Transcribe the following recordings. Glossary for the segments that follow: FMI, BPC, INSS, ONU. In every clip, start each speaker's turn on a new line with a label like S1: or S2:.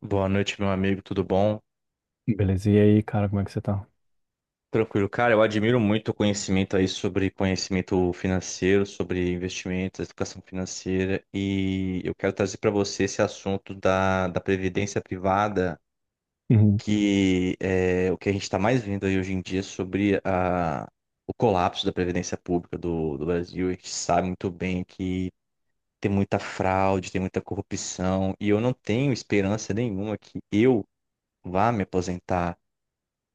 S1: Boa noite, meu amigo, tudo bom?
S2: Beleza, e aí, cara, como é que você tá?
S1: Tranquilo, cara, eu admiro muito o conhecimento aí sobre conhecimento financeiro, sobre investimentos, educação financeira, e eu quero trazer para você esse assunto da previdência privada,
S2: Uhum.
S1: que é o que a gente está mais vendo aí hoje em dia sobre o colapso da previdência pública do Brasil. A gente sabe muito bem que tem muita fraude, tem muita corrupção, e eu não tenho esperança nenhuma que eu vá me aposentar.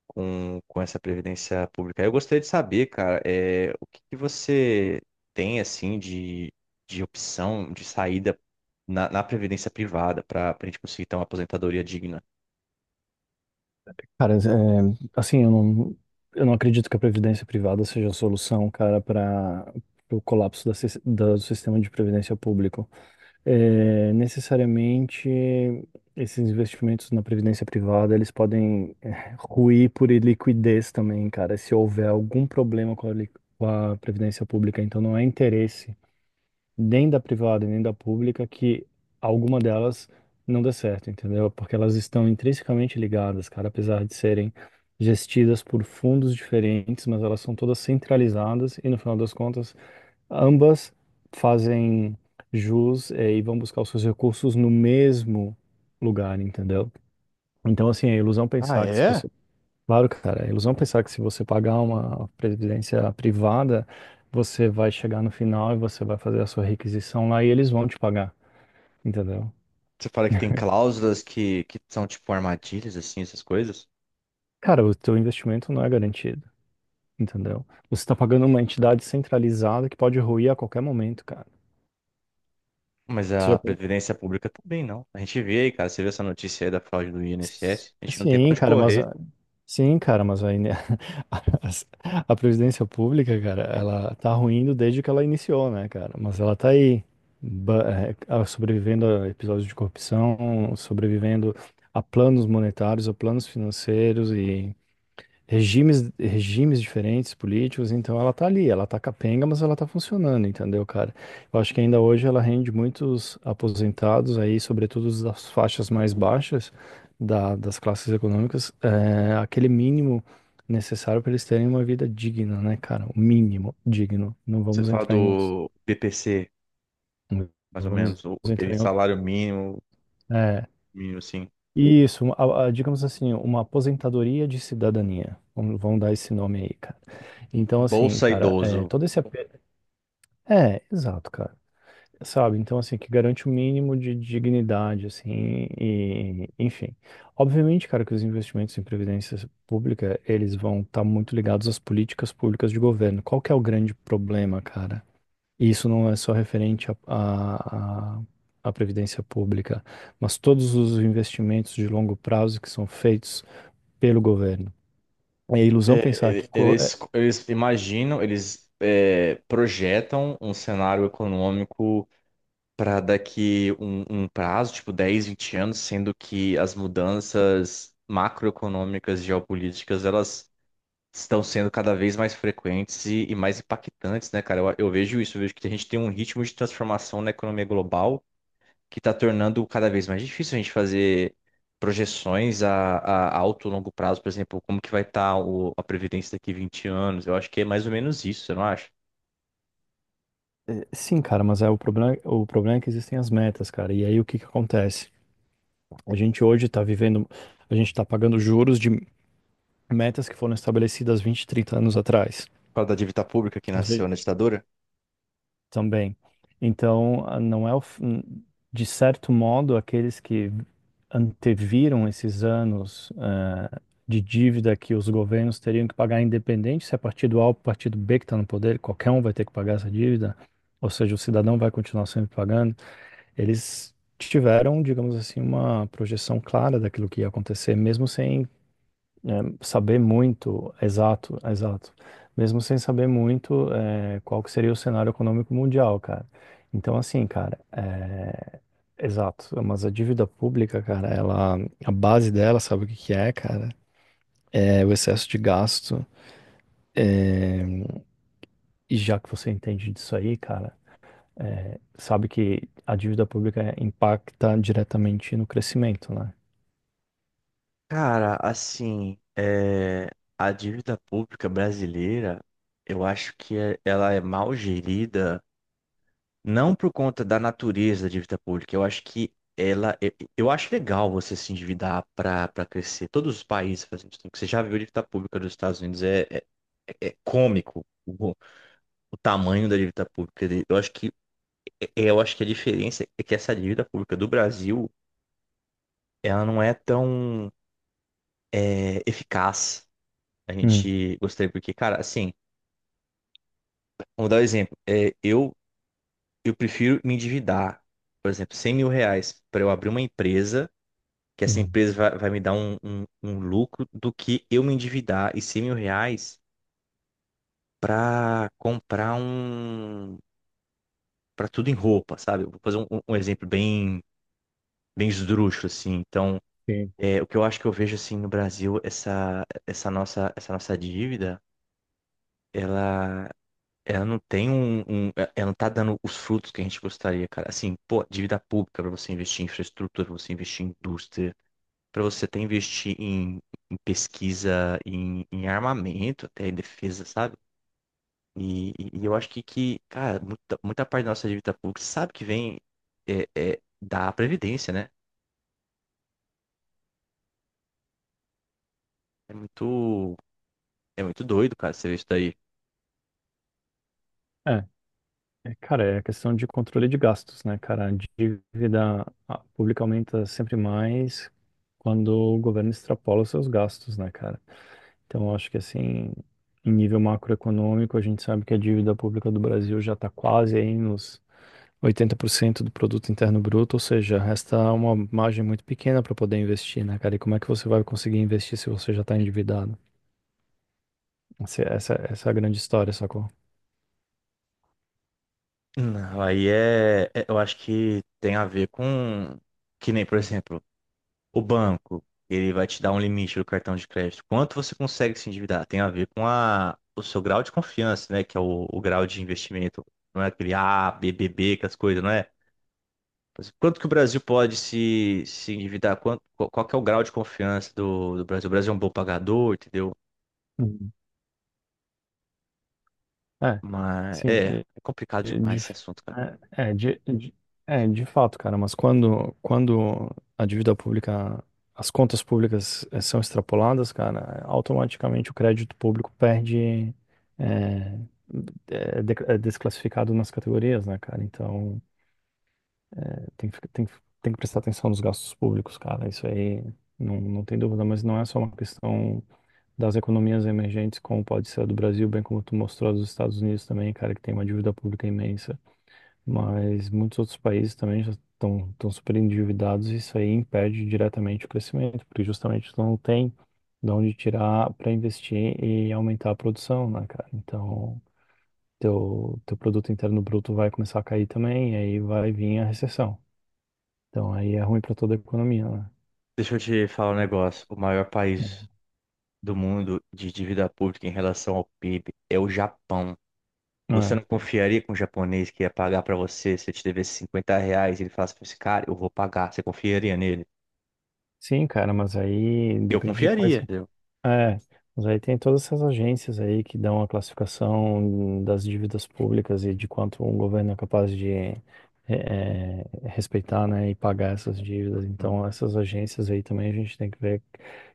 S1: com, com essa previdência pública. Eu gostaria de saber, cara, o que que você tem assim de opção de saída na previdência privada para a gente conseguir ter uma aposentadoria digna?
S2: Cara, assim, eu não acredito que a previdência privada seja a solução, cara, para o colapso do sistema de previdência público. É, necessariamente, esses investimentos na previdência privada, eles podem ruir por iliquidez também, cara, se houver algum problema com a previdência pública. Então, não é interesse nem da privada, nem da pública, que alguma delas não dê certo, entendeu? Porque elas estão intrinsecamente ligadas, cara, apesar de serem gestidas por fundos diferentes, mas elas são todas centralizadas e, no final das contas, ambas fazem jus, e vão buscar os seus recursos no mesmo lugar, entendeu? Então, assim, é ilusão
S1: Ah,
S2: pensar que se
S1: é?
S2: você Claro, cara, é ilusão pensar que se você pagar uma previdência privada, você vai chegar no final e você vai fazer a sua requisição lá e eles vão te pagar, entendeu?
S1: Você fala que tem cláusulas que são tipo armadilhas, assim, essas coisas,
S2: Cara, o teu investimento não é garantido, entendeu? Você está pagando uma entidade centralizada que pode ruir a qualquer momento, cara.
S1: mas
S2: Você já
S1: a previdência pública também não. A gente vê aí, cara, você vê essa notícia aí da fraude do INSS, a gente não tem pra
S2: Sim,
S1: onde
S2: cara, mas
S1: correr.
S2: sim, cara, mas aí, né, a, a previdência pública, cara, ela tá ruindo desde que ela iniciou, né, cara? Mas ela tá aí, sobrevivendo a episódios de corrupção, sobrevivendo a planos monetários, a planos financeiros, regimes diferentes políticos, então ela tá ali, ela tá capenga, mas ela tá funcionando, entendeu, cara? Eu acho que ainda hoje ela rende muitos aposentados aí, sobretudo os das faixas mais baixas das classes econômicas, aquele mínimo necessário para eles terem uma vida digna, né, cara? O mínimo digno. Não
S1: Você
S2: vamos
S1: fala
S2: entrar em outros,
S1: do BPC,
S2: não
S1: mais ou
S2: vamos
S1: menos, aquele
S2: entrar em outros.
S1: salário mínimo,
S2: é,
S1: mínimo assim.
S2: Isso, digamos assim, uma aposentadoria de cidadania. Vamos, vamos dar esse nome aí, cara. Então, assim,
S1: Bolsa
S2: cara,
S1: idoso.
S2: todo esse apelo. É, exato, cara. Sabe? Então, assim, que garante o mínimo de dignidade, assim, e, enfim. Obviamente, cara, que os investimentos em previdência pública, eles vão estar muito ligados às políticas públicas de governo. Qual que é o grande problema, cara? E isso não é só referente à previdência pública, mas todos os investimentos de longo prazo que são feitos pelo governo. É ilusão pensar que.
S1: Eles imaginam, projetam um cenário econômico para daqui um prazo, tipo 10, 20 anos, sendo que as mudanças macroeconômicas geopolíticas, elas estão sendo cada vez mais frequentes e mais impactantes, né, cara? Eu vejo isso, eu vejo que a gente tem um ritmo de transformação na economia global que está tornando cada vez mais difícil a gente fazer projeções a alto e longo prazo, por exemplo, como que vai estar a previdência daqui 20 anos. Eu acho que é mais ou menos isso, você não acha?
S2: Sim, cara, mas é o problema é que existem as metas, cara. E aí o que que acontece? A gente hoje está vivendo, a gente está pagando juros de metas que foram estabelecidas 20, 30 anos atrás.
S1: Fala da dívida pública que nasceu na ditadura.
S2: Também. Então, a- não é o, f- n- de certo modo, aqueles que anteviram esses anos de dívida que os governos teriam que pagar, independente se é partido A ou partido B que está no poder, qualquer um vai ter que pagar essa dívida, ou seja, o cidadão vai continuar sempre pagando. Eles tiveram, digamos assim, uma projeção clara daquilo que ia acontecer, mesmo sem saber muito, exato, exato. Mesmo sem saber muito, qual que seria o cenário econômico mundial, cara. Então, assim, cara, exato. Mas a dívida pública, cara, ela, a base dela, sabe o que que é, cara? É o excesso de gasto. É, e já que você entende disso aí, cara, sabe que a dívida pública impacta diretamente no crescimento, né?
S1: Cara, assim, é, a dívida pública brasileira, eu acho que ela é mal gerida. Não por conta da natureza da dívida pública. Eu acho que ela. Eu acho legal você se endividar para crescer. Todos os países fazem isso. Você já viu a dívida pública dos Estados Unidos? É cômico o tamanho da dívida pública dele. Eu acho que, eu acho que a diferença é que essa dívida pública do Brasil, ela não é tão eficaz. A
S2: Hum,
S1: gente gostaria, porque, cara, assim, vamos dar um exemplo. Eu prefiro me endividar, por exemplo, 100 mil reais para eu abrir uma empresa que essa
S2: hum,
S1: empresa vai me dar um lucro do que eu me endividar e 100 mil reais para comprar para tudo em roupa, sabe? Eu vou fazer um exemplo bem esdrúxulo, assim. Então,
S2: sim.
S1: é, o que eu acho que eu vejo, assim, no Brasil, essa nossa dívida. Ela. Ela não tem um, um- Ela não tá dando os frutos que a gente gostaria, cara. Assim, pô, dívida pública para você investir em infraestrutura, para você investir em indústria, para você até investir em pesquisa, em armamento, até em defesa, sabe? E eu acho que, cara, muita parte da nossa dívida pública sabe que vem é, da previdência, né? É muito, é muito doido, cara, você ver isso daí.
S2: É, cara, é a questão de controle de gastos, né, cara? A dívida pública aumenta sempre mais quando o governo extrapola os seus gastos, né, cara? Então, eu acho que, assim, em nível macroeconômico, a gente sabe que a dívida pública do Brasil já está quase aí nos 80% do produto interno bruto, ou seja, resta uma margem muito pequena para poder investir, né, cara? E como é que você vai conseguir investir se você já está endividado? Essa é a grande história, sacou?
S1: Não, aí eu acho que tem a ver com, que nem, por exemplo, o banco, ele vai te dar um limite do cartão de crédito. Quanto você consegue se endividar? Tem a ver com o seu grau de confiança, né? Que é o grau de investimento. Não é aquele A, B, B, B, que as coisas, não é? Mas quanto que o Brasil pode se endividar? Quanto, qual que é o grau de confiança do Brasil? O Brasil é um bom pagador, entendeu?
S2: Uhum. É,
S1: Mas
S2: sim.
S1: é complicado
S2: De,
S1: demais esse assunto, cara.
S2: é, é, de- é, De fato, cara, mas quando a dívida pública, as contas públicas são extrapoladas, cara, automaticamente o crédito público perde, é, desclassificado nas categorias, né, cara? Então, tem que prestar atenção nos gastos públicos, cara, isso aí não, não tem dúvida, mas não é só uma questão das economias emergentes, como pode ser a do Brasil, bem como tu mostrou a dos Estados Unidos também, cara, que tem uma dívida pública imensa. Mas muitos outros países também já estão super endividados e isso aí impede diretamente o crescimento, porque justamente tu não tem de onde tirar para investir e aumentar a produção, né, cara? Então, teu produto interno bruto vai começar a cair também, e aí vai vir a recessão. Então, aí é ruim para toda a economia, né?
S1: Deixa eu te falar um negócio. O maior país do mundo de dívida pública em relação ao PIB é o Japão. Você
S2: É.
S1: não confiaria com um japonês que ia pagar pra você se ele te devesse 50 reais e ele falasse pra esse cara, eu vou pagar. Você confiaria nele?
S2: Sim, cara, mas aí
S1: Eu
S2: depende de quais.
S1: confiaria, entendeu?
S2: É, mas aí tem todas essas agências aí que dão a classificação das dívidas públicas e de quanto um governo é capaz de eh, respeitar, né, e pagar essas dívidas.
S1: Uhum.
S2: Então, essas agências aí também a gente tem que ver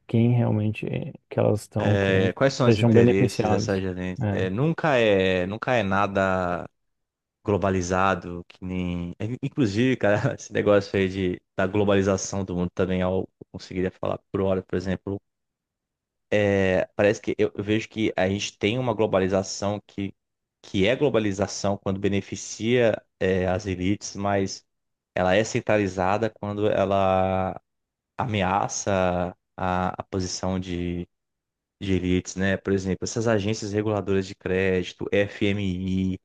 S2: quem realmente que elas estão
S1: É,
S2: querendo
S1: quais são os
S2: sejam
S1: interesses dessa
S2: beneficiados.
S1: gerente?
S2: É,
S1: Nunca é nada globalizado, que nem. Inclusive, cara, esse negócio aí da globalização do mundo também, eu conseguiria falar por hora, por exemplo. É, parece que eu vejo que a gente tem uma globalização que é globalização quando beneficia, as elites. Mas ela é centralizada quando ela ameaça a posição de elites, né? Por exemplo, essas agências reguladoras de crédito, FMI.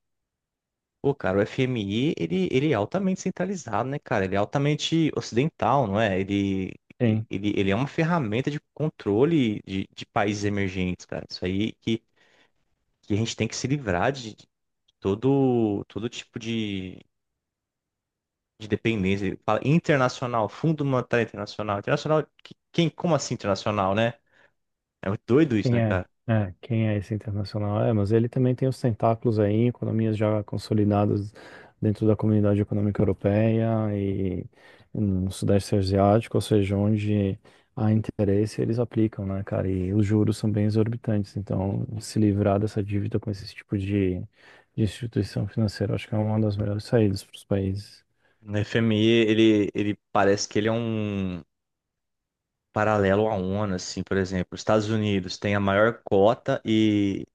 S1: Pô, cara, o FMI, ele é altamente centralizado, né, cara? Ele é altamente ocidental, não é?
S2: sim.
S1: Ele é uma ferramenta de controle de países emergentes, cara. Isso aí que a gente tem que se livrar de todo tipo de dependência. Ele fala internacional, Fundo Monetário Internacional. Internacional, quem, como assim internacional, né? É muito doido isso,
S2: Quem
S1: né,
S2: é?
S1: cara?
S2: Quem é esse internacional? É, mas ele também tem os tentáculos aí em economias já consolidadas dentro da Comunidade Econômica Europeia e no Sudeste Asiático, ou seja, onde há interesse, eles aplicam, né, cara? E os juros são bem exorbitantes, então se livrar dessa dívida com esse tipo de instituição financeira, acho que é uma das melhores saídas para os países.
S1: No FMI, ele parece que ele é um paralelo à ONU, assim, por exemplo. Os Estados Unidos tem a maior cota e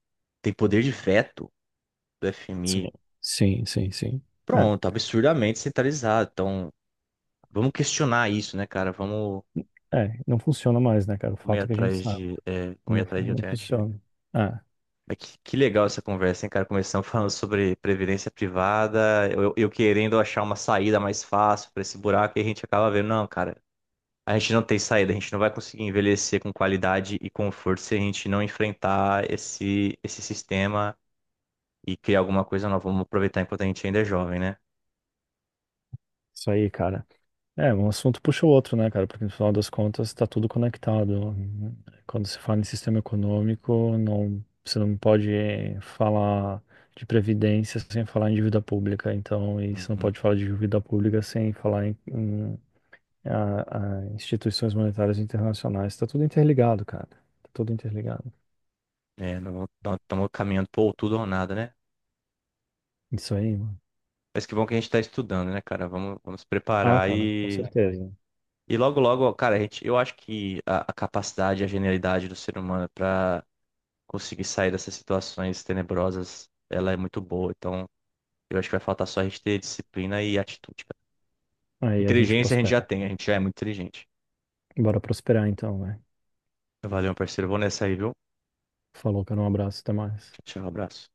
S1: tem poder de veto do FMI.
S2: Sim. Sim, sim, sim. É,
S1: Pronto, absurdamente centralizado. Então, vamos questionar isso, né, cara?
S2: é, não funciona mais, né, cara? O fato é que a gente sabe,
S1: Vamos ir
S2: não,
S1: atrás de
S2: não
S1: alternativas.
S2: funciona. É.
S1: Mas que, legal essa conversa, hein, cara? Começamos falando sobre previdência privada, eu querendo achar uma saída mais fácil para esse buraco, e a gente acaba vendo, não, cara, a gente não tem saída, a gente não vai conseguir envelhecer com qualidade e conforto se a gente não enfrentar esse sistema e criar alguma coisa nova. Vamos aproveitar enquanto a gente ainda é jovem, né?
S2: Isso aí, cara. É, um assunto puxa o outro, né, cara? Porque no final das contas tá tudo conectado. Quando se fala em sistema econômico, não, você não pode falar de previdência sem falar em dívida pública. Então, e você não
S1: Uhum.
S2: pode falar de dívida pública sem falar a instituições monetárias internacionais. Tá tudo interligado, cara. Tá tudo interligado.
S1: É, não estamos caminhando por tudo ou nada, né?
S2: Isso aí, mano.
S1: Mas que bom que a gente está estudando, né, cara? Vamos
S2: Ah,
S1: preparar.
S2: cara, com certeza.
S1: E logo, logo, cara, a gente, eu acho que a capacidade, a genialidade do ser humano pra conseguir sair dessas situações tenebrosas, ela é muito boa. Então, eu acho que vai faltar só a gente ter disciplina e atitude, cara.
S2: Aí a gente
S1: Inteligência a gente já
S2: prospera.
S1: tem, a gente já é muito inteligente.
S2: Bora prosperar então, né?
S1: Valeu, meu parceiro. Vou nessa aí, viu?
S2: Falou, cara. Um abraço, até mais.
S1: Tchau, tchau, abraço.